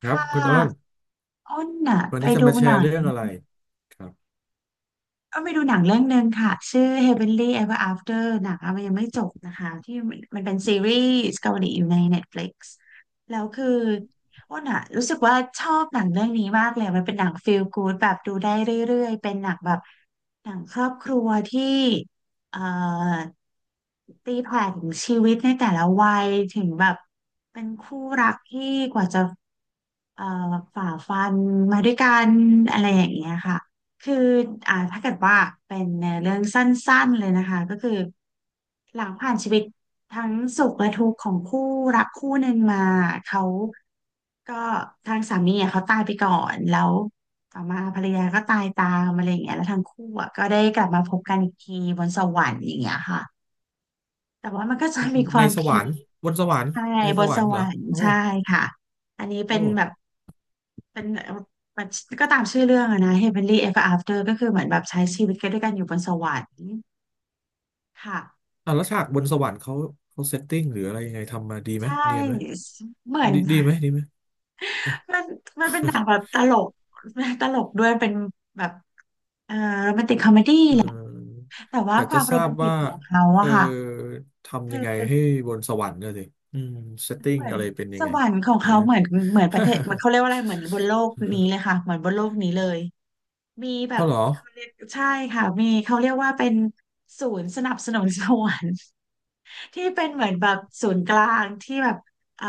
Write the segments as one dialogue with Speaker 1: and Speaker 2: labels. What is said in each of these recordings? Speaker 1: ครับ
Speaker 2: ถ้า
Speaker 1: คุณอ้น
Speaker 2: อ้นน่ะ
Speaker 1: วัน
Speaker 2: ไป
Speaker 1: นี้จะ
Speaker 2: ดู
Speaker 1: มาแช
Speaker 2: หนั
Speaker 1: ร์
Speaker 2: ง
Speaker 1: เรื่องอะไรครับ
Speaker 2: ก็ไปดูหนังเรื่องหนึ่งค่ะชื่อ Heavenly Ever After หนังอะมันยังไม่จบนะคะที่มันเป็นซีรีส์เกาหลีอยู่ใน Netflix แล้วคืออ้นอะรู้สึกว่าชอบหนังเรื่องนี้มากเลยมันเป็นหนัง feel good แบบดูได้เรื่อยๆเป็นหนังแบบหนังครอบครัวที่เอ่อตีแผ่ถึงชีวิตในแต่ละวัยถึงแบบเป็นคู่รักที่กว่าจะเอ่อฝ่าฟันมาด้วยกันอะไรอย่างเงี้ยค่ะ คือถ้าเกิดว่าเป็นในเรื่องสั้นๆเลยนะคะก็คือหลังผ่านชีวิตทั้งสุขและทุกข์ของคู่รักคู่หนึ่งมาเขาก็ทางสามีอ่ะเขาตายไปก่อนแล้วต่อมาภรรยาก็ตายตามอะไรอย่างเงี้ยแล้วทั้งคู่อ่ะก็ได้กลับมาพบกันอีกทีบนสวรรค์อย่างเงี้ยค่ะแต่ว่ามันก็จะมีค
Speaker 1: ใน
Speaker 2: วาม
Speaker 1: สว
Speaker 2: พี
Speaker 1: รรค์บนสวรรค์
Speaker 2: ใช่
Speaker 1: ใน
Speaker 2: บ
Speaker 1: ส
Speaker 2: น
Speaker 1: วร
Speaker 2: ส
Speaker 1: รค์เห
Speaker 2: ว
Speaker 1: รอ
Speaker 2: รรค์
Speaker 1: โอ้
Speaker 2: ใช่ค่ะอันนี้เป็น
Speaker 1: โอ้
Speaker 2: แบบเป็นมันก็ตามชื่อเรื่องอะนะ Heavenly Ever After ก็คือเหมือนแบบใช้ชีวิตกันด้วยกันอยู่บนสวรรค์ค่ะ
Speaker 1: อ่ะแล้วฉากบนสวรรค์เขาเขาเซตติ้งหรืออะไรยังไงทำมาดีไหม
Speaker 2: ใช่
Speaker 1: เนียนไหม
Speaker 2: เหมือน
Speaker 1: ดีไหม
Speaker 2: มันมันเป็นหนังแบบตลก ตลกด้วยเป็นแบบเอ่อโรแมนติกคอมเมดี้
Speaker 1: เอ
Speaker 2: แหละ
Speaker 1: อ
Speaker 2: แต่ว่า
Speaker 1: อยาก
Speaker 2: ควา
Speaker 1: จะ
Speaker 2: ม
Speaker 1: ท
Speaker 2: โร
Speaker 1: รา
Speaker 2: แม
Speaker 1: บ
Speaker 2: นติก
Speaker 1: ว่า
Speaker 2: ของเขา
Speaker 1: เอ
Speaker 2: อะ
Speaker 1: อ
Speaker 2: ค่ะ
Speaker 1: ทำยังไง
Speaker 2: คือ
Speaker 1: ให้บนสวรรค์เนี่ยสิอืมเซตติ้ง
Speaker 2: เหมือน
Speaker 1: อะไรเป็นยั
Speaker 2: ส
Speaker 1: งไง
Speaker 2: วรรค์ของ
Speaker 1: เดี๋ยว
Speaker 2: เขา
Speaker 1: ลืม
Speaker 2: เหมือนประเทศเหมันเขาเรียกว่า อะไรเหมือนบนโลกนี้เลยค่ะเหมือนบนโลกนี้เลย มีแบ
Speaker 1: เอา
Speaker 2: บ
Speaker 1: เหรอ
Speaker 2: เขาเรียกใช่ค่ะมีเขาเรียกว่าเป็นศูนย์สนับสนุนสวรรค์ ที่เป็นเหมือนแบบศูนย์กลางที่แบบอ่า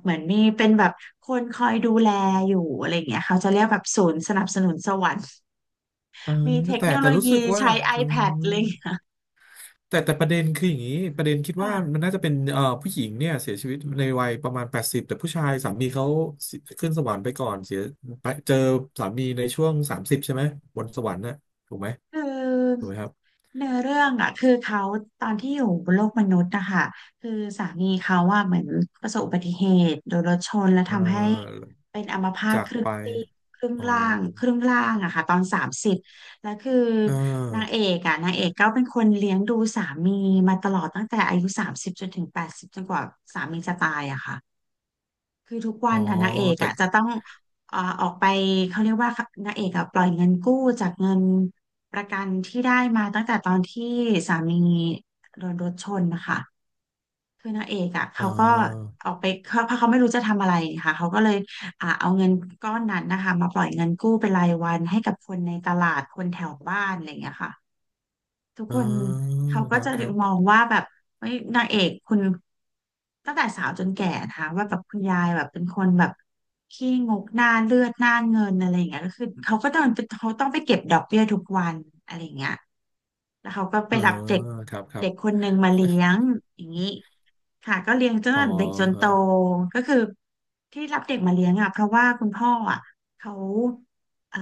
Speaker 2: เหมือนมีเป็นแบบคนคอยดูแลอยู่อะไรอย่างเงี้ยเขาจะเรียกแบบศูนย์สนับสนุนสวรรค์
Speaker 1: เออ
Speaker 2: มีเทค
Speaker 1: แต่
Speaker 2: โน
Speaker 1: แต่
Speaker 2: โล
Speaker 1: รู้สึ
Speaker 2: ยี
Speaker 1: กว่า
Speaker 2: ใช้
Speaker 1: อื
Speaker 2: iPad
Speaker 1: ม
Speaker 2: ไอเลย
Speaker 1: แต่ประเด็นคืออย่างนี้ประเด็นคิด ว่ามัน
Speaker 2: ค่ะ
Speaker 1: น่าจะเป็นผู้หญิงเนี่ยเสียชีวิตในวัยประมาณแปดสิบแต่ผู้ชายสามีเขาเสียขึ้นสวรรค์ไปก่อนเสียไปเจอสามีในช่วงสามสิบใช่ไหมบนสวรรค์น่ะถูกไหม
Speaker 2: คือ
Speaker 1: ถูกไหมครับ
Speaker 2: เนื้อเรื่องอ่ะคือเขาตอนที่อยู่บนโลกมนุษย์นะคะคือสามีเขาว่าเหมือนประสบอุบัติเหตุโดนรถชนและ
Speaker 1: เอ่
Speaker 2: ทำให้
Speaker 1: อ
Speaker 2: เป็นอัมพาต
Speaker 1: จา
Speaker 2: ค
Speaker 1: ก
Speaker 2: รึ่
Speaker 1: ไป
Speaker 2: งซีก
Speaker 1: อ๋อ
Speaker 2: ครึ่งล่างอะค่ะตอนสามสิบแล้วคือ
Speaker 1: เอา
Speaker 2: นางเอกก็เป็นคนเลี้ยงดูสามีมาตลอดตั้งแต่อายุสามสิบจนถึง80จนกว่าสามีจะตายอะค่ะ คือทุก
Speaker 1: อ
Speaker 2: วั
Speaker 1: อ๋อ
Speaker 2: นอะนางเอก
Speaker 1: แต่
Speaker 2: อะจะต้องออกไปเขาเรียกว่านางเอกอะปล่อยเงินกู้จากเงินประกันที่ได้มาตั้งแต่ตอนที่สามีโดนรถชนนะคะคือนางเอกอะ
Speaker 1: เ
Speaker 2: เขาก็
Speaker 1: ออ
Speaker 2: ออกไปเขาเพราะเขาไม่รู้จะทำอะไรค่ะเขาก็เลยเอาเงินก้อนนั้นนะคะมาปล่อยเงินกู้เป็นรายวันให้กับคนในตลาดคนแถวบ้านอะไรอย่างเงี้ยค่ะ ทุกค
Speaker 1: เอา
Speaker 2: นเขา
Speaker 1: ค
Speaker 2: ก็
Speaker 1: รับ
Speaker 2: จะ
Speaker 1: ครั
Speaker 2: มอ
Speaker 1: บ
Speaker 2: งว่าแบบเฮ้ยนางเอกคุณตั้งแต่สาวจนแก่นะคะว่าแบบคุณยายแบบเป็นคนแบบขี้งกหน้าเลือดหน้าเงินอะไรอย่างเงี้ยก็คือเขาก็ต้องเขาต้องไปเก็บดอกเบี้ยทุกวันอะไรอย่างเงี้ยแล้วเขาก็ไป
Speaker 1: เออ
Speaker 2: รับเด็ก
Speaker 1: ครับครั
Speaker 2: เด็
Speaker 1: บ
Speaker 2: กคนหนึ่งมาเลี้ยงอย่างนี้ค่ะก็เลี้ยงจน
Speaker 1: อ๋อ
Speaker 2: เด็กจนโต
Speaker 1: ฮะ
Speaker 2: ก็คือที่รับเด็กมาเลี้ยงอ่ะเพราะว่าคุณพ่ออ่ะเขา เอ่อ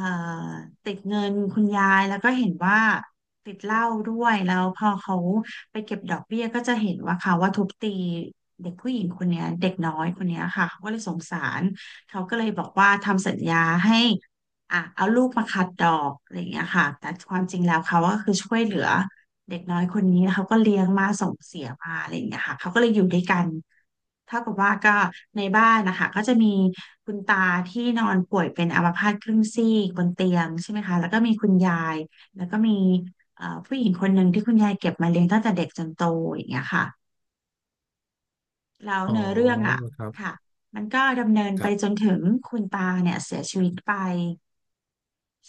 Speaker 2: ติดเงินคุณยายแล้วก็เห็นว่าติดเหล้าด้วยแล้วพอเขาไปเก็บดอกเบี้ยก็จะเห็นว่าเขาว่าทุบตีเด็กผู้หญิงคนเนี้ยเด็กน้อยคนเนี้ยค่ะเขาก็เลยสงสารเขาก็เลยบอกว่าทำสัญญาให้อ่ะเอาลูกมาคัดดอกอะไรอย่างเงี้ยค่ะแต่ความจริงแล้วเขาก็คือช่วยเหลือ เด็กน้อยคนนี้เขาก็เลี้ยงมาส่งเสียมาอะไรอย่างเงี้ยค่ะเขาก็เลยอยู่ด้วยกันเท่ากับว่าก็ในบ้านนะคะก็จะมีคุณตาที่นอนป่วยเป็นอัมพาตครึ่งซีกบนเตียงใช่ไหมคะแล้วก็มีคุณยายแล้วก็มีผู้หญิงคนหนึ่งที่คุณยายเก็บมาเลี้ยงตั้งแต่เด็กจนโตอย่างเงี้ยค่ะแล้ว
Speaker 1: อ๋อ
Speaker 2: เนื้อเรื่องอ่ะ
Speaker 1: ครับ
Speaker 2: ค่ะมันก็ดำเนิน
Speaker 1: ค
Speaker 2: ไป
Speaker 1: รับ
Speaker 2: จนถึงคุณตาเนี่ยเสียชีวิตไป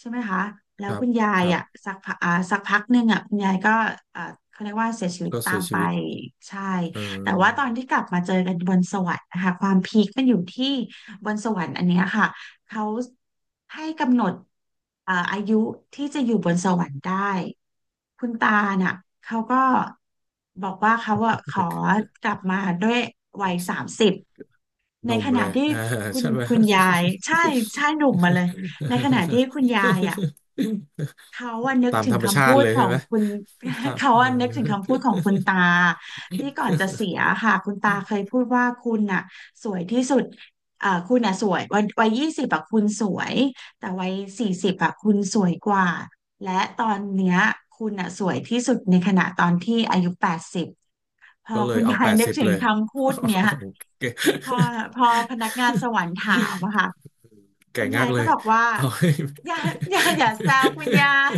Speaker 2: ใช่ไหมคะ แล้
Speaker 1: ค
Speaker 2: ว
Speaker 1: รั
Speaker 2: คุ
Speaker 1: บ
Speaker 2: ณยา
Speaker 1: ค
Speaker 2: ย
Speaker 1: รับ
Speaker 2: อ่ะสักพักหนึ่งอ่ะคุณยายก็อ่าเขาเรียกว่าเสียชีวิต
Speaker 1: ก็
Speaker 2: ตา
Speaker 1: เสีย
Speaker 2: มไป
Speaker 1: ชีวิต
Speaker 2: ใช่
Speaker 1: เอ
Speaker 2: แต่ว่าตอ
Speaker 1: อ
Speaker 2: นที่กลับมาเจอกันบนสวรรค์นะคะความพีคมันอยู่ที่บนสวรรค์อันเนี้ยค่ะเขาให้กำหนดอายุที่จะอยู่บนสวรรค์ได้คุณตาน่ะเขาก็บอกว่าเขาอ่ะขอกลับมาด้วยวัยสามสิบ
Speaker 1: ห
Speaker 2: ใน
Speaker 1: นุ่ม
Speaker 2: ข
Speaker 1: เล
Speaker 2: ณะ
Speaker 1: ย
Speaker 2: ที่
Speaker 1: อ่าใช่ไหม
Speaker 2: คุณยายใช่ใช่หนุ่มมาเลยในขณะที่คุณยายอ่ะ เขาอะ นึก
Speaker 1: ตาม
Speaker 2: ถึ
Speaker 1: ธ
Speaker 2: ง
Speaker 1: รรมชา
Speaker 2: คำพู
Speaker 1: ติ
Speaker 2: ด
Speaker 1: เลย
Speaker 2: ขอ
Speaker 1: ใช่
Speaker 2: ง
Speaker 1: ไหม
Speaker 2: คุณ
Speaker 1: ตา ม
Speaker 2: เขา
Speaker 1: เออ
Speaker 2: อะนึกถึงคำพูดของคุณตาที่ก่อนจะเสียค่ะคุณตาเคยพูดว่าคุณน่ะสวยที่สุดคุณน่ะสวยวัยยี่สิบอะคุณสวยแต่วัย40อะคุณสวยกว่าและตอนเนี้ยคุณน่ะสวยที่สุดในขณะตอนที่อายุแปดสิบพอ
Speaker 1: ก็เลย
Speaker 2: คุณ
Speaker 1: เอา
Speaker 2: ยา
Speaker 1: แป
Speaker 2: ย
Speaker 1: ด
Speaker 2: นึก
Speaker 1: สิบ
Speaker 2: ถึ
Speaker 1: เล
Speaker 2: ง
Speaker 1: ย
Speaker 2: คำพูดเนี้ย
Speaker 1: โอเค
Speaker 2: พอพอพนักงานสวรรค์ถามอะค่ะ
Speaker 1: แก่
Speaker 2: คุณ
Speaker 1: งั
Speaker 2: ยา
Speaker 1: ก
Speaker 2: ย
Speaker 1: เล
Speaker 2: ก็
Speaker 1: ย
Speaker 2: บอกว่า
Speaker 1: เอาให้
Speaker 2: อย่าอย่าแซวคุณยาย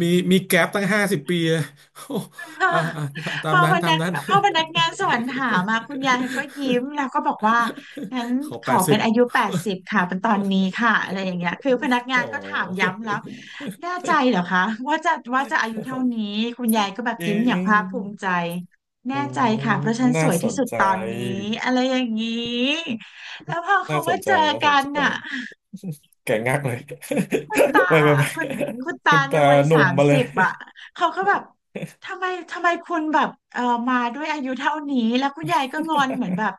Speaker 1: มีมีแก๊ปตั้ง50 ปีอะโอ้
Speaker 2: พอ
Speaker 1: อ่า อ่าตา
Speaker 2: พ
Speaker 1: ม
Speaker 2: อ
Speaker 1: นั้
Speaker 2: พ
Speaker 1: นตา
Speaker 2: นั
Speaker 1: ม
Speaker 2: ก
Speaker 1: นั้น
Speaker 2: พอพนักงานสวนถามมาคุณยายก็ยิ้มแล้วก็บอกว่างั้น
Speaker 1: ขอ
Speaker 2: ข
Speaker 1: แป
Speaker 2: อ
Speaker 1: ดสิ
Speaker 2: เป็น
Speaker 1: บ
Speaker 2: อายุแปดสิบค่ะเป็นตอนนี้ค่ะอะไรอย่างเงี้ยคือพนักงา
Speaker 1: โอ
Speaker 2: นก็ถาม
Speaker 1: ้
Speaker 2: ย้ำแล้วแน่ใจเหรอคะว่าจะอายุเท่านี้คุณยายก็แบบยิ้มอย่าง
Speaker 1: เอ๊ะ
Speaker 2: ภาคภูมิใจ
Speaker 1: อื
Speaker 2: แน่ใจ
Speaker 1: ม
Speaker 2: ค่ะเพราะฉันส
Speaker 1: น่า
Speaker 2: วย
Speaker 1: ส
Speaker 2: ที่
Speaker 1: น
Speaker 2: สุด
Speaker 1: ใจ
Speaker 2: ตอนนี้อะไรอย่างนี้แล้วพอเขา
Speaker 1: น่าส
Speaker 2: มา
Speaker 1: นใจ
Speaker 2: เจอ
Speaker 1: น่าสน
Speaker 2: กัน
Speaker 1: ใจ
Speaker 2: น่ะ
Speaker 1: แก่งักเลย
Speaker 2: คุณตา
Speaker 1: ไปไปไป
Speaker 2: คุณคุณ
Speaker 1: คุ
Speaker 2: ตา
Speaker 1: ณ
Speaker 2: ใน
Speaker 1: ตา
Speaker 2: วัย
Speaker 1: หนุ่
Speaker 2: สา
Speaker 1: ม
Speaker 2: ม
Speaker 1: มาเล
Speaker 2: สิ
Speaker 1: ย
Speaker 2: บอ่ะเขาก็แบบทำไมทำไมคุณแบบมาด้วยอายุเท่านี้แล้วคุณยายก็งอนเหมือนแบบ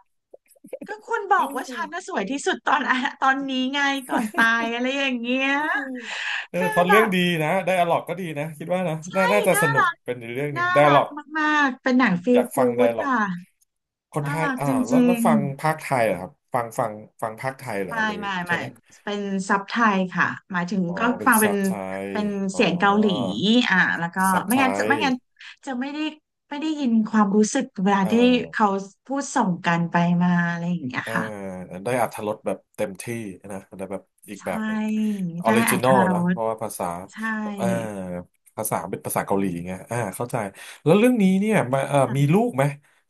Speaker 2: ก็คุณบอกว่าฉันน่ะสวยที่สุดตอนอะตอนนี้ไงก่อนตายอะไรอย่างเงี้ย
Speaker 1: เออ
Speaker 2: คือ
Speaker 1: พล็อต
Speaker 2: แบ
Speaker 1: เรื่อง
Speaker 2: บ
Speaker 1: ดีนะ ไดอะล็อกก็ดีนะ คิดว่านะน่า
Speaker 2: เฮ้ย
Speaker 1: น่าจะส
Speaker 2: น่า
Speaker 1: นุก
Speaker 2: รัก
Speaker 1: เป็นอีกเรื่องหนึ่
Speaker 2: น่า
Speaker 1: งไดอะ
Speaker 2: รั
Speaker 1: ล็
Speaker 2: ก
Speaker 1: อก
Speaker 2: มากๆเป็นหนังฟี
Speaker 1: อ
Speaker 2: ล
Speaker 1: ยากฟั
Speaker 2: กู๊
Speaker 1: งได
Speaker 2: ด
Speaker 1: อะล็อก
Speaker 2: ค่ะ
Speaker 1: คนไท
Speaker 2: น่า
Speaker 1: ย
Speaker 2: รัก
Speaker 1: อ่า
Speaker 2: จ
Speaker 1: แล้ว
Speaker 2: ริ
Speaker 1: แล้ว
Speaker 2: ง
Speaker 1: ฟังภาคไทยเหรอครับฟังฟังฟังภาคไทยเหรอ
Speaker 2: ไม่
Speaker 1: หรือ
Speaker 2: ไม่
Speaker 1: ใช่
Speaker 2: ไม่
Speaker 1: ไหม
Speaker 2: เป็นซับไทยค่ะหมายถึง
Speaker 1: อ๋อ
Speaker 2: ก็
Speaker 1: เป็น
Speaker 2: ฟังเป็
Speaker 1: ซั
Speaker 2: น
Speaker 1: บไทย
Speaker 2: เป็น
Speaker 1: อ๋อ
Speaker 2: เสียงเกาหลีแล้วก็
Speaker 1: ซับไทย
Speaker 2: ไม่งั้นจะไม่ได้ยินความรู้สึกเวลา
Speaker 1: เอ่อ
Speaker 2: ที่เขาพูดส่งกันไปมาอะไรอย่างเงี้ย
Speaker 1: เอ่อ
Speaker 2: ค่ะ
Speaker 1: ได้อรรถรสแบบเต็มที่นะได้แบบอีกแบบ
Speaker 2: ใช่
Speaker 1: หนึ่งออ
Speaker 2: ได้
Speaker 1: ริ
Speaker 2: อร
Speaker 1: จิ
Speaker 2: ร
Speaker 1: น
Speaker 2: ถ
Speaker 1: อล
Speaker 2: ร
Speaker 1: นะ
Speaker 2: ส
Speaker 1: เพราะว่าภาษา
Speaker 2: ใช่
Speaker 1: เอ่อภาษาเป็นภาษาเกาหลีไงอ่าเข้าใจแล้วเรื่องนี้เนี่ยมา
Speaker 2: ค่ะ
Speaker 1: มีลูกไหม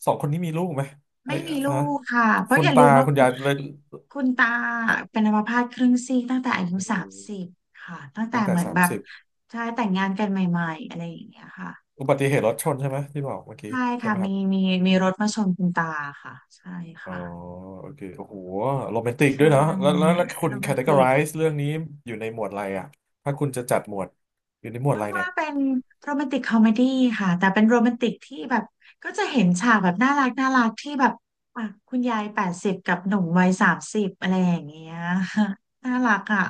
Speaker 1: สองคนนี้มีลูกไหมไอ้
Speaker 2: ไม่มีลู
Speaker 1: ฮะ
Speaker 2: กค่ะเพราะ
Speaker 1: คุ
Speaker 2: อ
Speaker 1: ณ
Speaker 2: ย่าลื
Speaker 1: ตา
Speaker 2: มว่า
Speaker 1: คุณ
Speaker 2: คุณ
Speaker 1: ยายเลย
Speaker 2: คุณตา
Speaker 1: ครับ
Speaker 2: เป็นอัมพาตครึ่งซีกตั้งแต่อายุ
Speaker 1: อื
Speaker 2: สาม
Speaker 1: ม
Speaker 2: สิบค่ะตั้งแต่
Speaker 1: ตั้งแต่
Speaker 2: เหมือน
Speaker 1: สาม
Speaker 2: แบบ
Speaker 1: สิบ
Speaker 2: ใช่แต่งงานกันใหม่ๆอะไรอย่างเงี้ยค่ะ
Speaker 1: อุบัติเหตุรถชนใช่ไหมที่บอกเมื่อกี้
Speaker 2: ใช่
Speaker 1: ใช่ไห
Speaker 2: ค่ะ
Speaker 1: มครับ
Speaker 2: มีมีรถมาชนคุณตาค่ะใช่
Speaker 1: อ๋อ
Speaker 2: ค่ะ
Speaker 1: โอเคโอ้โหโรแมนติก
Speaker 2: ใช
Speaker 1: ด้วยเนาะแล้วแล้ว
Speaker 2: ่
Speaker 1: แล้วคุ
Speaker 2: โร
Speaker 1: ณ
Speaker 2: แมนติก
Speaker 1: categorize เรื่องนี้อยู่ในหมวดอะไรอ่ะถ้าคุณจะจัดหมวดอยู่ในหมวด
Speaker 2: มั
Speaker 1: อะ
Speaker 2: น
Speaker 1: ไร
Speaker 2: ว่า
Speaker 1: เนี่ย
Speaker 2: เป็นโรแมนติกคอมเมดี้ค่ะแต่เป็นโรแมนติกที่แบบก็จะเห็นฉากแบบน่ารักน่ารักที่แบบอ่ะคุณยายแปดสิบกับหนุ่มวัยสามสิบอะไรอย่างเงี้ย น่ารักอ่ะ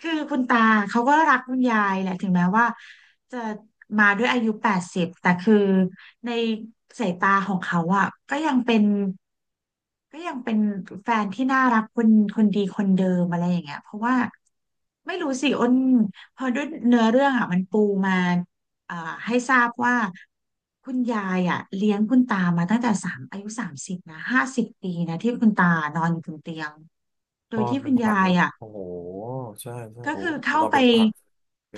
Speaker 2: คือคุณตาเขาก็รักคุณยายแหละถึงแม้ว่า จะมาด้วยอายุ80แต่คือในสายตาของเขาอ่ะก็ยังเป็นแฟนที่น่ารักคนดีคนเดิมอะไรอย่างเงี้ยเพราะว่าไม่รู้สิอ้นพอด้วยเนื้อเรื่องอ่ะมันปูมาอ่าให้ทราบว่าคุณยายอ่ะเลี้ยงคุณตามาตั้งแต่สามอายุสามสิบนะห้าสิบปีนะที่คุณตานอนอยู่บนเตียงโด
Speaker 1: น
Speaker 2: ย
Speaker 1: อน
Speaker 2: ที่
Speaker 1: เป็
Speaker 2: คุ
Speaker 1: น
Speaker 2: ณ
Speaker 1: ผั
Speaker 2: ยา
Speaker 1: ก
Speaker 2: ย
Speaker 1: เนอะ
Speaker 2: อ่ะ
Speaker 1: โอ้โหใช่ใช่
Speaker 2: ก็
Speaker 1: โอ้
Speaker 2: คือเข้า
Speaker 1: นอน
Speaker 2: ไป
Speaker 1: เป็นผัก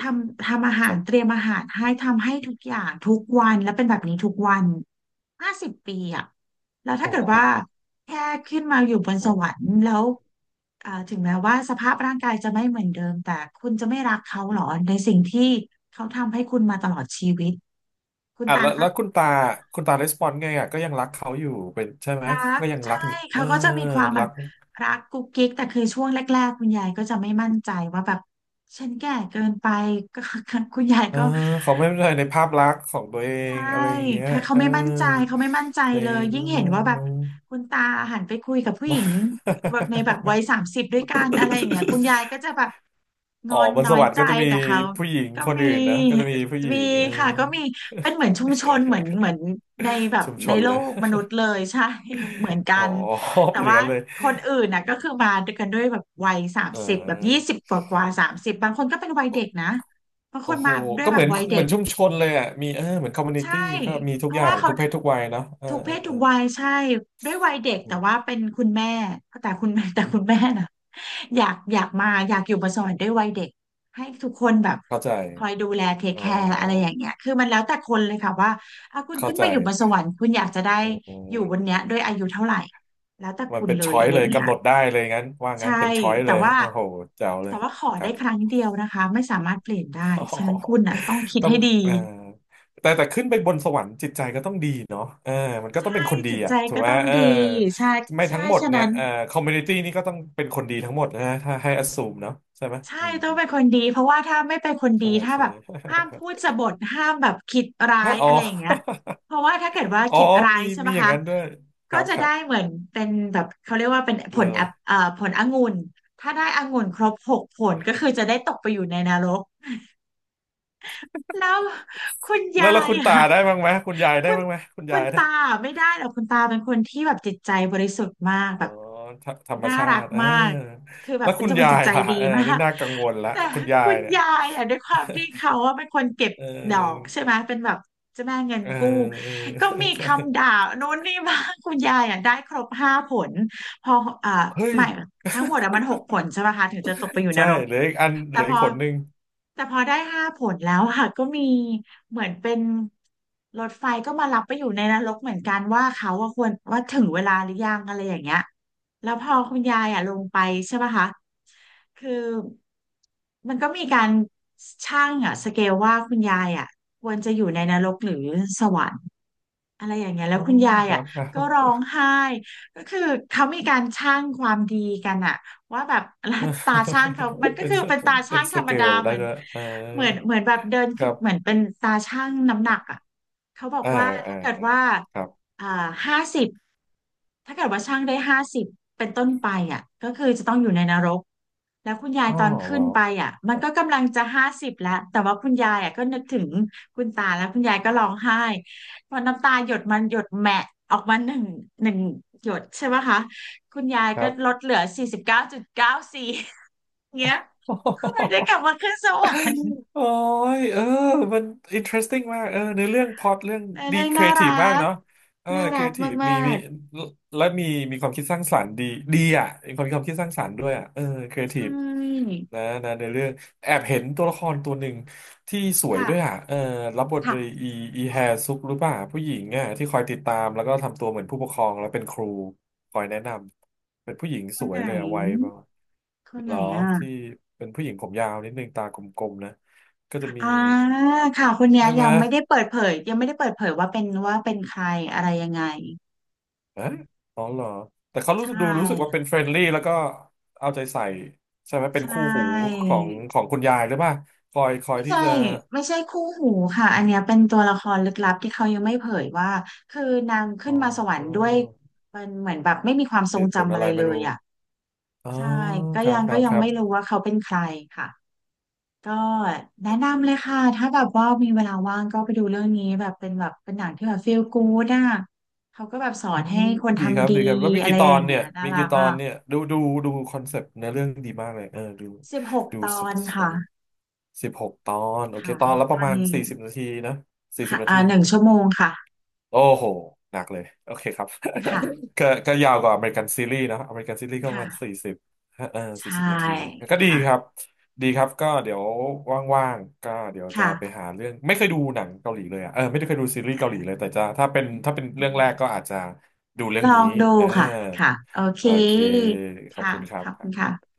Speaker 2: ททำอา
Speaker 1: ค
Speaker 2: หาร
Speaker 1: รั
Speaker 2: เต
Speaker 1: บ
Speaker 2: รียมอาหารให้ทำให้ทุกอย่างทุกวันแล้วเป็นแบบนี้ทุกวันห้าสิบปีอ่ะแล้วถ้า
Speaker 1: โอ้
Speaker 2: เกิด
Speaker 1: โห
Speaker 2: ว่าแค่ขึ้นมาอยู่บนส
Speaker 1: โอ้โห
Speaker 2: วรรค์แล้วถึงแม้ว่าสภาพร่างกายจะไม่เหมือนเดิมแต่คุณจะไม่รักเขาหรอในสิ่งที่เขาทำให้คุณมาตลอดชีวิต คุณ
Speaker 1: อ่ะ
Speaker 2: ตา
Speaker 1: แล้ว
Speaker 2: เขา
Speaker 1: แล้วคุณตาคุณตาレスปอนไงอ่ะก็ยังรักเขาอยู่เป็นใช่ไหม
Speaker 2: รัก
Speaker 1: ก็ยัง
Speaker 2: ใช่
Speaker 1: รักนิดเอ
Speaker 2: เขา
Speaker 1: อ
Speaker 2: ก็จะมีความแบ
Speaker 1: รั
Speaker 2: บ
Speaker 1: ก
Speaker 2: รักกุ๊กกิ๊กแต่คือช่วงแรกๆคุณยายก็จะไม่มั่นใจว่าแบบฉันแก่เกินไปก็ คุณยาย
Speaker 1: เออ
Speaker 2: ก็
Speaker 1: เขาไม่เป็นไรในภาพลักษณ์ของตัวเอง
Speaker 2: ใช่
Speaker 1: อะไรอย่างเงี้ย
Speaker 2: เขาเขา
Speaker 1: เออ
Speaker 2: ไม่มั่นใจเขาไม่มั่นใจ
Speaker 1: ใน
Speaker 2: เลย ยิ่
Speaker 1: เรื่
Speaker 2: ง
Speaker 1: อง
Speaker 2: เห็นว่าแบ
Speaker 1: เอ
Speaker 2: บคุณตาหันไปคุยกับผู้หญิงแบบวัย
Speaker 1: อ
Speaker 2: สามสิบด้วยกันอะไรอย่างเงี้ยคุณยายก็จะ แบบง
Speaker 1: อ๋อ
Speaker 2: อน
Speaker 1: บน
Speaker 2: น้
Speaker 1: ส
Speaker 2: อย
Speaker 1: วรรค์
Speaker 2: ใจ
Speaker 1: ก็จะมี
Speaker 2: แต่เขา
Speaker 1: ผู้หญิง
Speaker 2: ก็
Speaker 1: คน
Speaker 2: มี
Speaker 1: อื่นนะก็จะมีผู้หญิ
Speaker 2: มี
Speaker 1: งเออ
Speaker 2: ค่ะก็มีเป็นเหมือนชุมชนเหมือนในแบบ
Speaker 1: ชุมช
Speaker 2: ใน
Speaker 1: น
Speaker 2: โล
Speaker 1: เลย
Speaker 2: กมนุษย์เลยใช่ เหมือนกั
Speaker 1: อ๋อ
Speaker 2: น แต่
Speaker 1: เป็นอย่าง
Speaker 2: ว่า
Speaker 1: นั้นเลย
Speaker 2: คนอื่นน่ะก็คือมาด้วยกันด้วยแบบวัยสาม
Speaker 1: เ
Speaker 2: สิบแบบยี่
Speaker 1: ออ
Speaker 2: สิบกว่าสามสิบบางคนก็เป็นวัยเด็
Speaker 1: โอ
Speaker 2: กนะบางค
Speaker 1: โอ้
Speaker 2: น
Speaker 1: โห
Speaker 2: มาด้วย
Speaker 1: ก็
Speaker 2: แบ
Speaker 1: เหมื
Speaker 2: บ
Speaker 1: อน
Speaker 2: วัย
Speaker 1: เห
Speaker 2: เด็
Speaker 1: มือ
Speaker 2: ก
Speaker 1: นชุมชนเลยอ่ะมีเออเหมือนคอมมูนิ
Speaker 2: ใช่
Speaker 1: ตี้ก็มี
Speaker 2: เพ
Speaker 1: ทุกอ
Speaker 2: ราะ
Speaker 1: ย่า
Speaker 2: ว่า
Speaker 1: ง
Speaker 2: เขา
Speaker 1: ทุกเพศทุกวัยเนาะเออ
Speaker 2: ทุก
Speaker 1: เอ
Speaker 2: เพ
Speaker 1: อ
Speaker 2: ศ
Speaker 1: เอ
Speaker 2: ทุ
Speaker 1: อ
Speaker 2: กวัยใช่ด้วยวัยเด็ก
Speaker 1: อื
Speaker 2: แต่ว่า
Speaker 1: ม
Speaker 2: เป็นคุณแม่แต่คุณแม่ แต่คุณแม่นะอยากอยู่มาสอนด้วยวัยเด็กให้ทุกคนแบบ
Speaker 1: เข้าใจ
Speaker 2: คอยดูแลเทค
Speaker 1: อ๋
Speaker 2: แคร์อะไรอย่า
Speaker 1: อ
Speaker 2: งเงี้ยคือมันแล้วแต่คนเลยค่ะว่าอ่ะคุณ
Speaker 1: เข้า
Speaker 2: ขึ้น
Speaker 1: ใจ
Speaker 2: มาอยู่บนสวรรค์คุณอยากจะได้
Speaker 1: อื
Speaker 2: อยู่บน
Speaker 1: ม
Speaker 2: เนี้ยด้วยอายุเท่าไหร่แล้วแต่
Speaker 1: มัน
Speaker 2: คุณ
Speaker 1: เป็น
Speaker 2: เลย
Speaker 1: ช้อย
Speaker 2: อะไร
Speaker 1: เล
Speaker 2: อ
Speaker 1: ย
Speaker 2: ย่างเงี้
Speaker 1: กำ
Speaker 2: ย
Speaker 1: หนดได้เลยงั้นว่างั้
Speaker 2: ใช่
Speaker 1: นเป็นช้อย
Speaker 2: แต่
Speaker 1: เลย
Speaker 2: ว่า
Speaker 1: โอ้โหแจ๋วเล
Speaker 2: แต่
Speaker 1: ย
Speaker 2: ว่าขอ
Speaker 1: ครั
Speaker 2: ได้
Speaker 1: บ
Speaker 2: ครั้งเดียวนะคะไม่สามารถเปลี่ยนได้
Speaker 1: อ๋อ
Speaker 2: ฉะนั้นคุณน่ะต้องคิด
Speaker 1: ต้อ
Speaker 2: ให้
Speaker 1: ง
Speaker 2: ดี
Speaker 1: เอ่อแต่ขึ้นไปบนสวรรค์จิตใจก็ต้องดีเนาะเออมันก็ต้อง
Speaker 2: ใช่
Speaker 1: เป็นคนดี
Speaker 2: จิตใจ
Speaker 1: อ่ะถูก
Speaker 2: ก็
Speaker 1: ไหม
Speaker 2: ต้อง
Speaker 1: เออ
Speaker 2: ดีใช่
Speaker 1: ไม่
Speaker 2: ใช่
Speaker 1: ทั้งหมด
Speaker 2: ฉะ
Speaker 1: เนี่ย
Speaker 2: นั้น
Speaker 1: เอ่อคอมมูนิตี้นี่ก็ต้องเป็นคนดีทั้งหมดนะถ้าให้อ s สูมเนาะใช่ไหม
Speaker 2: ใช่
Speaker 1: อืม
Speaker 2: ต้อ
Speaker 1: อื
Speaker 2: ง
Speaker 1: ม
Speaker 2: เป็นคนดีเพราะว่าถ้าไม่เป็นคนดี
Speaker 1: ใช่
Speaker 2: ถ้าแบ
Speaker 1: ใช่
Speaker 2: บห้ามพูดสบถห้ามแบบคิดร้า
Speaker 1: ฮะ
Speaker 2: ย
Speaker 1: อ๋อ
Speaker 2: อะไรอย่างเงี้ยเพราะว่าถ้าเกิดว่า
Speaker 1: อ๋อ
Speaker 2: คิดร้า
Speaker 1: มี
Speaker 2: ยใช่ไหม
Speaker 1: มีอย่าง
Speaker 2: คะ
Speaker 1: นั้นด้วยค
Speaker 2: ก็
Speaker 1: รับ
Speaker 2: จะ
Speaker 1: ครั
Speaker 2: ได้
Speaker 1: บ
Speaker 2: เหมือนเป็นแบบเขาเรียกว่าเป็น
Speaker 1: มีอะไร
Speaker 2: ผลองุ่นถ้าได้องุ่นครบ6ผลก็คือจะได้ตกไปอยู่ในนรก แล้วคุณ
Speaker 1: แล้
Speaker 2: ยา
Speaker 1: วแล้ว
Speaker 2: ย
Speaker 1: คุณตา
Speaker 2: อ่ะ
Speaker 1: ได้บ้างไหมคุณยายได้
Speaker 2: คุณ
Speaker 1: บ้างไหมคุณ
Speaker 2: คุ
Speaker 1: ยา
Speaker 2: ณ
Speaker 1: ยได้
Speaker 2: ตาไม่ได้หรอกคุณตาเป็นคนที่แบบจิตใจบริสุทธิ์มาก
Speaker 1: อ๋อ
Speaker 2: แบบ
Speaker 1: ธธรรม
Speaker 2: น่า
Speaker 1: ชา
Speaker 2: รัก
Speaker 1: ติเออ
Speaker 2: มากคือแบ
Speaker 1: แล้
Speaker 2: บ
Speaker 1: ว
Speaker 2: เป็น
Speaker 1: คุณ
Speaker 2: คน
Speaker 1: ยา
Speaker 2: จิต
Speaker 1: ย
Speaker 2: ใจ
Speaker 1: ล่ะ
Speaker 2: ดี
Speaker 1: เออ
Speaker 2: มา
Speaker 1: นี่
Speaker 2: ก
Speaker 1: น่ากังวลละ
Speaker 2: แต่
Speaker 1: คุณยา
Speaker 2: คุ
Speaker 1: ย
Speaker 2: ณ
Speaker 1: เนี่ย
Speaker 2: ยายอ่ะด้วยความที่เขา ว่าเป็นคนเก็บ
Speaker 1: เออ
Speaker 2: ดอกใช่ไหมเป็นแบบเจ้าแม่เงิน
Speaker 1: เออ
Speaker 2: กู้
Speaker 1: เออ
Speaker 2: ก็มี
Speaker 1: ใช่
Speaker 2: คำด่าโน้นนี่มางคุณยายอ่ะได้ครบห้าผลพออ่า
Speaker 1: เฮ้ย
Speaker 2: ไม่ทั้งหมดอ่ะมัน6 ผลใช่ไหมคะถึงจะตกไปอยู่น
Speaker 1: ใช่
Speaker 2: รก
Speaker 1: เหลืออีกอันเห
Speaker 2: แต่
Speaker 1: ลือ
Speaker 2: พ
Speaker 1: อี
Speaker 2: อ
Speaker 1: กผลหนึ่ง
Speaker 2: แต่พอได้ห้าผลแล้วค่ะก็มีเหมือนเป็นรถไฟก็มารับไปอยู่ในนรกเหมือนกันว่าเขาว่าควรว่าถึงเวลาหรือยังอะไรอย่างเงี้ยแล้วพอคุณยายอ่ะลงไปใช่ปะคะคือมันก็มีการช่างอ่ะสเกลว่าคุณยายอ่ะควรจะอยู่ในนรกหรือสวรรค์ อะไรอย่างเงี้ยแล้
Speaker 1: อ๋
Speaker 2: ว
Speaker 1: อ
Speaker 2: คุณยาย
Speaker 1: ครั
Speaker 2: อ่ะ
Speaker 1: บครับ
Speaker 2: ก็ร้องไห้ก็คือเขามีการชั่งความดีกันอ่ะว่าแบบ แล้ว
Speaker 1: เ
Speaker 2: ตาช่า
Speaker 1: ออ
Speaker 2: งเขา มันก็
Speaker 1: เป็น
Speaker 2: คือเป็นตา
Speaker 1: เป็
Speaker 2: ช่า
Speaker 1: น
Speaker 2: งธ
Speaker 1: ส
Speaker 2: รรม
Speaker 1: เก
Speaker 2: ดา
Speaker 1: ล
Speaker 2: เห
Speaker 1: ได้
Speaker 2: มือน
Speaker 1: ด้วยเออ
Speaker 2: เหมือนเหมือนแบบเดิน
Speaker 1: ค
Speaker 2: ขึ้น
Speaker 1: รับ
Speaker 2: เหมือนเป็นตาช่างน้ำหนักอ่ะ เขาบอก
Speaker 1: อ่า
Speaker 2: ว่า
Speaker 1: อ่า
Speaker 2: ถ้าเกิด
Speaker 1: อ่า
Speaker 2: ว่า
Speaker 1: ครับ
Speaker 2: อ่าห้าสิบถ้าเกิดว่าช่างได้ห้าสิบเป็นต้นไปอ่ะก็คือจะต้องอยู่ในนรก แล้วคุณยาย
Speaker 1: อ๋อ
Speaker 2: ตอน
Speaker 1: เหร
Speaker 2: ขึ้น
Speaker 1: อ
Speaker 2: ไปอ่ะมั
Speaker 1: ค
Speaker 2: น
Speaker 1: รับ
Speaker 2: ก็กำลังจะห้าสิบแล้วแต่ว่าคุณยายอ่ะก็นึกถึงคุณตาแล้วคุณยายก็ร้องไห้พอน้ำตาหยดมันหยดแหมะออกมาหนึ่งหยดใช่ไหมคะคุณยาย
Speaker 1: ครั
Speaker 2: ก็ลดเหลือ49.94เงี้ยก็เลยได้กลับ
Speaker 1: บ
Speaker 2: มาขึ้นสวรรค์
Speaker 1: โอ้ยเออมัน interesting มากเออในอเรื่องพล็อตเรื่อง
Speaker 2: ใน
Speaker 1: ดี
Speaker 2: เรื่อง
Speaker 1: ครี
Speaker 2: น่า
Speaker 1: เอที
Speaker 2: รั
Speaker 1: ฟมาก
Speaker 2: ก
Speaker 1: เนาะเออ
Speaker 2: น่า
Speaker 1: ค
Speaker 2: รั
Speaker 1: รีเอ
Speaker 2: ก
Speaker 1: ทีฟ
Speaker 2: มา
Speaker 1: มีมี
Speaker 2: ก
Speaker 1: และมีมีความคิดสร้างสรรค์ดีดีอ่ะมีความความคิดสร้างสรรค์ด้วยอ่ะเออครีเอ
Speaker 2: ๆ
Speaker 1: ที
Speaker 2: ใช่
Speaker 1: ฟนะนะในเรื่องแอบเห็นตัวละครตัวหนึ่งที่สวยด้วยอ่ะ
Speaker 2: ค่ะ
Speaker 1: เออรับบทโดย
Speaker 2: ค่ะ
Speaker 1: อีอีแฮซุกหรือเปล่าผู้หญิงอ่ะที่คอยติดตามแล้วก็ทำตัวเหมือนผู้ปกครองแล้วเป็นครูคอยแนะนำเป็นผู้หญิง
Speaker 2: ค
Speaker 1: ส
Speaker 2: น
Speaker 1: ว
Speaker 2: ไห
Speaker 1: ย
Speaker 2: น
Speaker 1: เลยอ่ะวัยประมาณ
Speaker 2: คนไห
Speaker 1: เห
Speaker 2: น
Speaker 1: รอที่
Speaker 2: อ่ะ
Speaker 1: เป็นผู้หญิงผมยาวนิดนึงตากลมๆนะ ก็จะมี
Speaker 2: อ่าค่ะคนเนี้
Speaker 1: ใช่
Speaker 2: ย
Speaker 1: ไห
Speaker 2: ยั
Speaker 1: ม
Speaker 2: งไม่ได้เปิดเผยยังไม่ได้เปิดเผยว่าเป็นว่าเป็นใครอะไรยังไง
Speaker 1: ฮะอ๋อเหรอแต่เขา
Speaker 2: ใช
Speaker 1: รู้สึกดูรู้สึกว่า
Speaker 2: ่
Speaker 1: เป็นเฟรนลี่แล้วก็เอาใจใส่ใช่ไหมเป็
Speaker 2: ใช
Speaker 1: นคู่หู
Speaker 2: ่
Speaker 1: ของของคุณยายหรือเปล่าคอยคอย
Speaker 2: ไม่
Speaker 1: ที่
Speaker 2: ใช่
Speaker 1: จะ
Speaker 2: ไม่ใช่คู่หูค่ะอันเนี้ยเป็นตัวละครลึกลับที่เขายังไม่เผยว่าคือนางขึ้
Speaker 1: อ๋
Speaker 2: นมาสวรรค์ด้
Speaker 1: อ
Speaker 2: วยมันเหมือนแบบไม่มีความทร
Speaker 1: เห
Speaker 2: ง
Speaker 1: ตุผล
Speaker 2: จำอะ
Speaker 1: อะ
Speaker 2: ไร
Speaker 1: ไร
Speaker 2: เล
Speaker 1: ไม่
Speaker 2: ย
Speaker 1: รู้
Speaker 2: อ่ะ
Speaker 1: อ๋อ
Speaker 2: ใช่ก็
Speaker 1: ครั
Speaker 2: ยั
Speaker 1: บ
Speaker 2: ง
Speaker 1: ค
Speaker 2: ก็
Speaker 1: รับ
Speaker 2: ยั
Speaker 1: ค
Speaker 2: ง
Speaker 1: รับ
Speaker 2: ไม่รู้ว่าเขาเป็นใครค่ะ ก็แนะนำเลยค่ะถ้าแบบว่ามีเวลาว่างก็ไปดูเรื่องนี้แบบเป็นแบบเป็นหนังที่แบบฟีลกู๊ดอ่ะเขาก็แบบสอ
Speaker 1: อื
Speaker 2: นให้
Speaker 1: ม
Speaker 2: คน
Speaker 1: ดีครับ
Speaker 2: ทำดี
Speaker 1: ดีครับแล้วมี
Speaker 2: อะไร
Speaker 1: กี่ตอ
Speaker 2: อ
Speaker 1: น
Speaker 2: ย่าง
Speaker 1: เนี่
Speaker 2: เงี้
Speaker 1: ย
Speaker 2: ยน่า
Speaker 1: มี
Speaker 2: รั
Speaker 1: กี่
Speaker 2: ก
Speaker 1: ตอ
Speaker 2: อ่ะ
Speaker 1: นเนี่ยดูดูดูคอนเซปต์เนื้อเรื่องดีมากเลยเออดู
Speaker 2: สิบหก
Speaker 1: ดู
Speaker 2: ตอ
Speaker 1: สด
Speaker 2: นค่ะ
Speaker 1: 16 ตอนโอเค
Speaker 2: ค่ะ
Speaker 1: ตอนละ
Speaker 2: ต
Speaker 1: ป
Speaker 2: อ
Speaker 1: ระ
Speaker 2: น
Speaker 1: มาณ
Speaker 2: นี้
Speaker 1: สี่สิบนาทีนะสี่สิ
Speaker 2: ค่ะ
Speaker 1: บนา
Speaker 2: อ่า
Speaker 1: ที
Speaker 2: 1 ชั่วโมงค่ะ
Speaker 1: โอ้โหหนักเลยโอเคครับ
Speaker 2: ค่ะ
Speaker 1: ก็ก็ยาวกว่าอเมริกันซีรีส์เนอะอเมริกันซีรีส์ก็ประมาณสี่
Speaker 2: ค่ะ
Speaker 1: สิบเออสี่
Speaker 2: ใช่
Speaker 1: สิบนาทีก็ดี
Speaker 2: ค่ะ
Speaker 1: ครับดีครับก็เดี๋ยวว่างๆก็เดี๋ยวจะไป
Speaker 2: ค่ะ
Speaker 1: หาเรื่องไม่เคยดูหนังเกาหลีเลยอ่ะเออไม่ได้เคยดูซีรีส์เกาหลีเลยแต่จะถ้าเป็นถ้าเป็นเรื่องแรกก็อาจจะดูเรื่อ
Speaker 2: ล
Speaker 1: ง
Speaker 2: อ
Speaker 1: นี้
Speaker 2: งดู
Speaker 1: เออ
Speaker 2: ค่ะค่ะโอเค
Speaker 1: โอเคขอบ
Speaker 2: ค่ะ
Speaker 1: คุณครั
Speaker 2: ข
Speaker 1: บ
Speaker 2: อบคุณค่ะ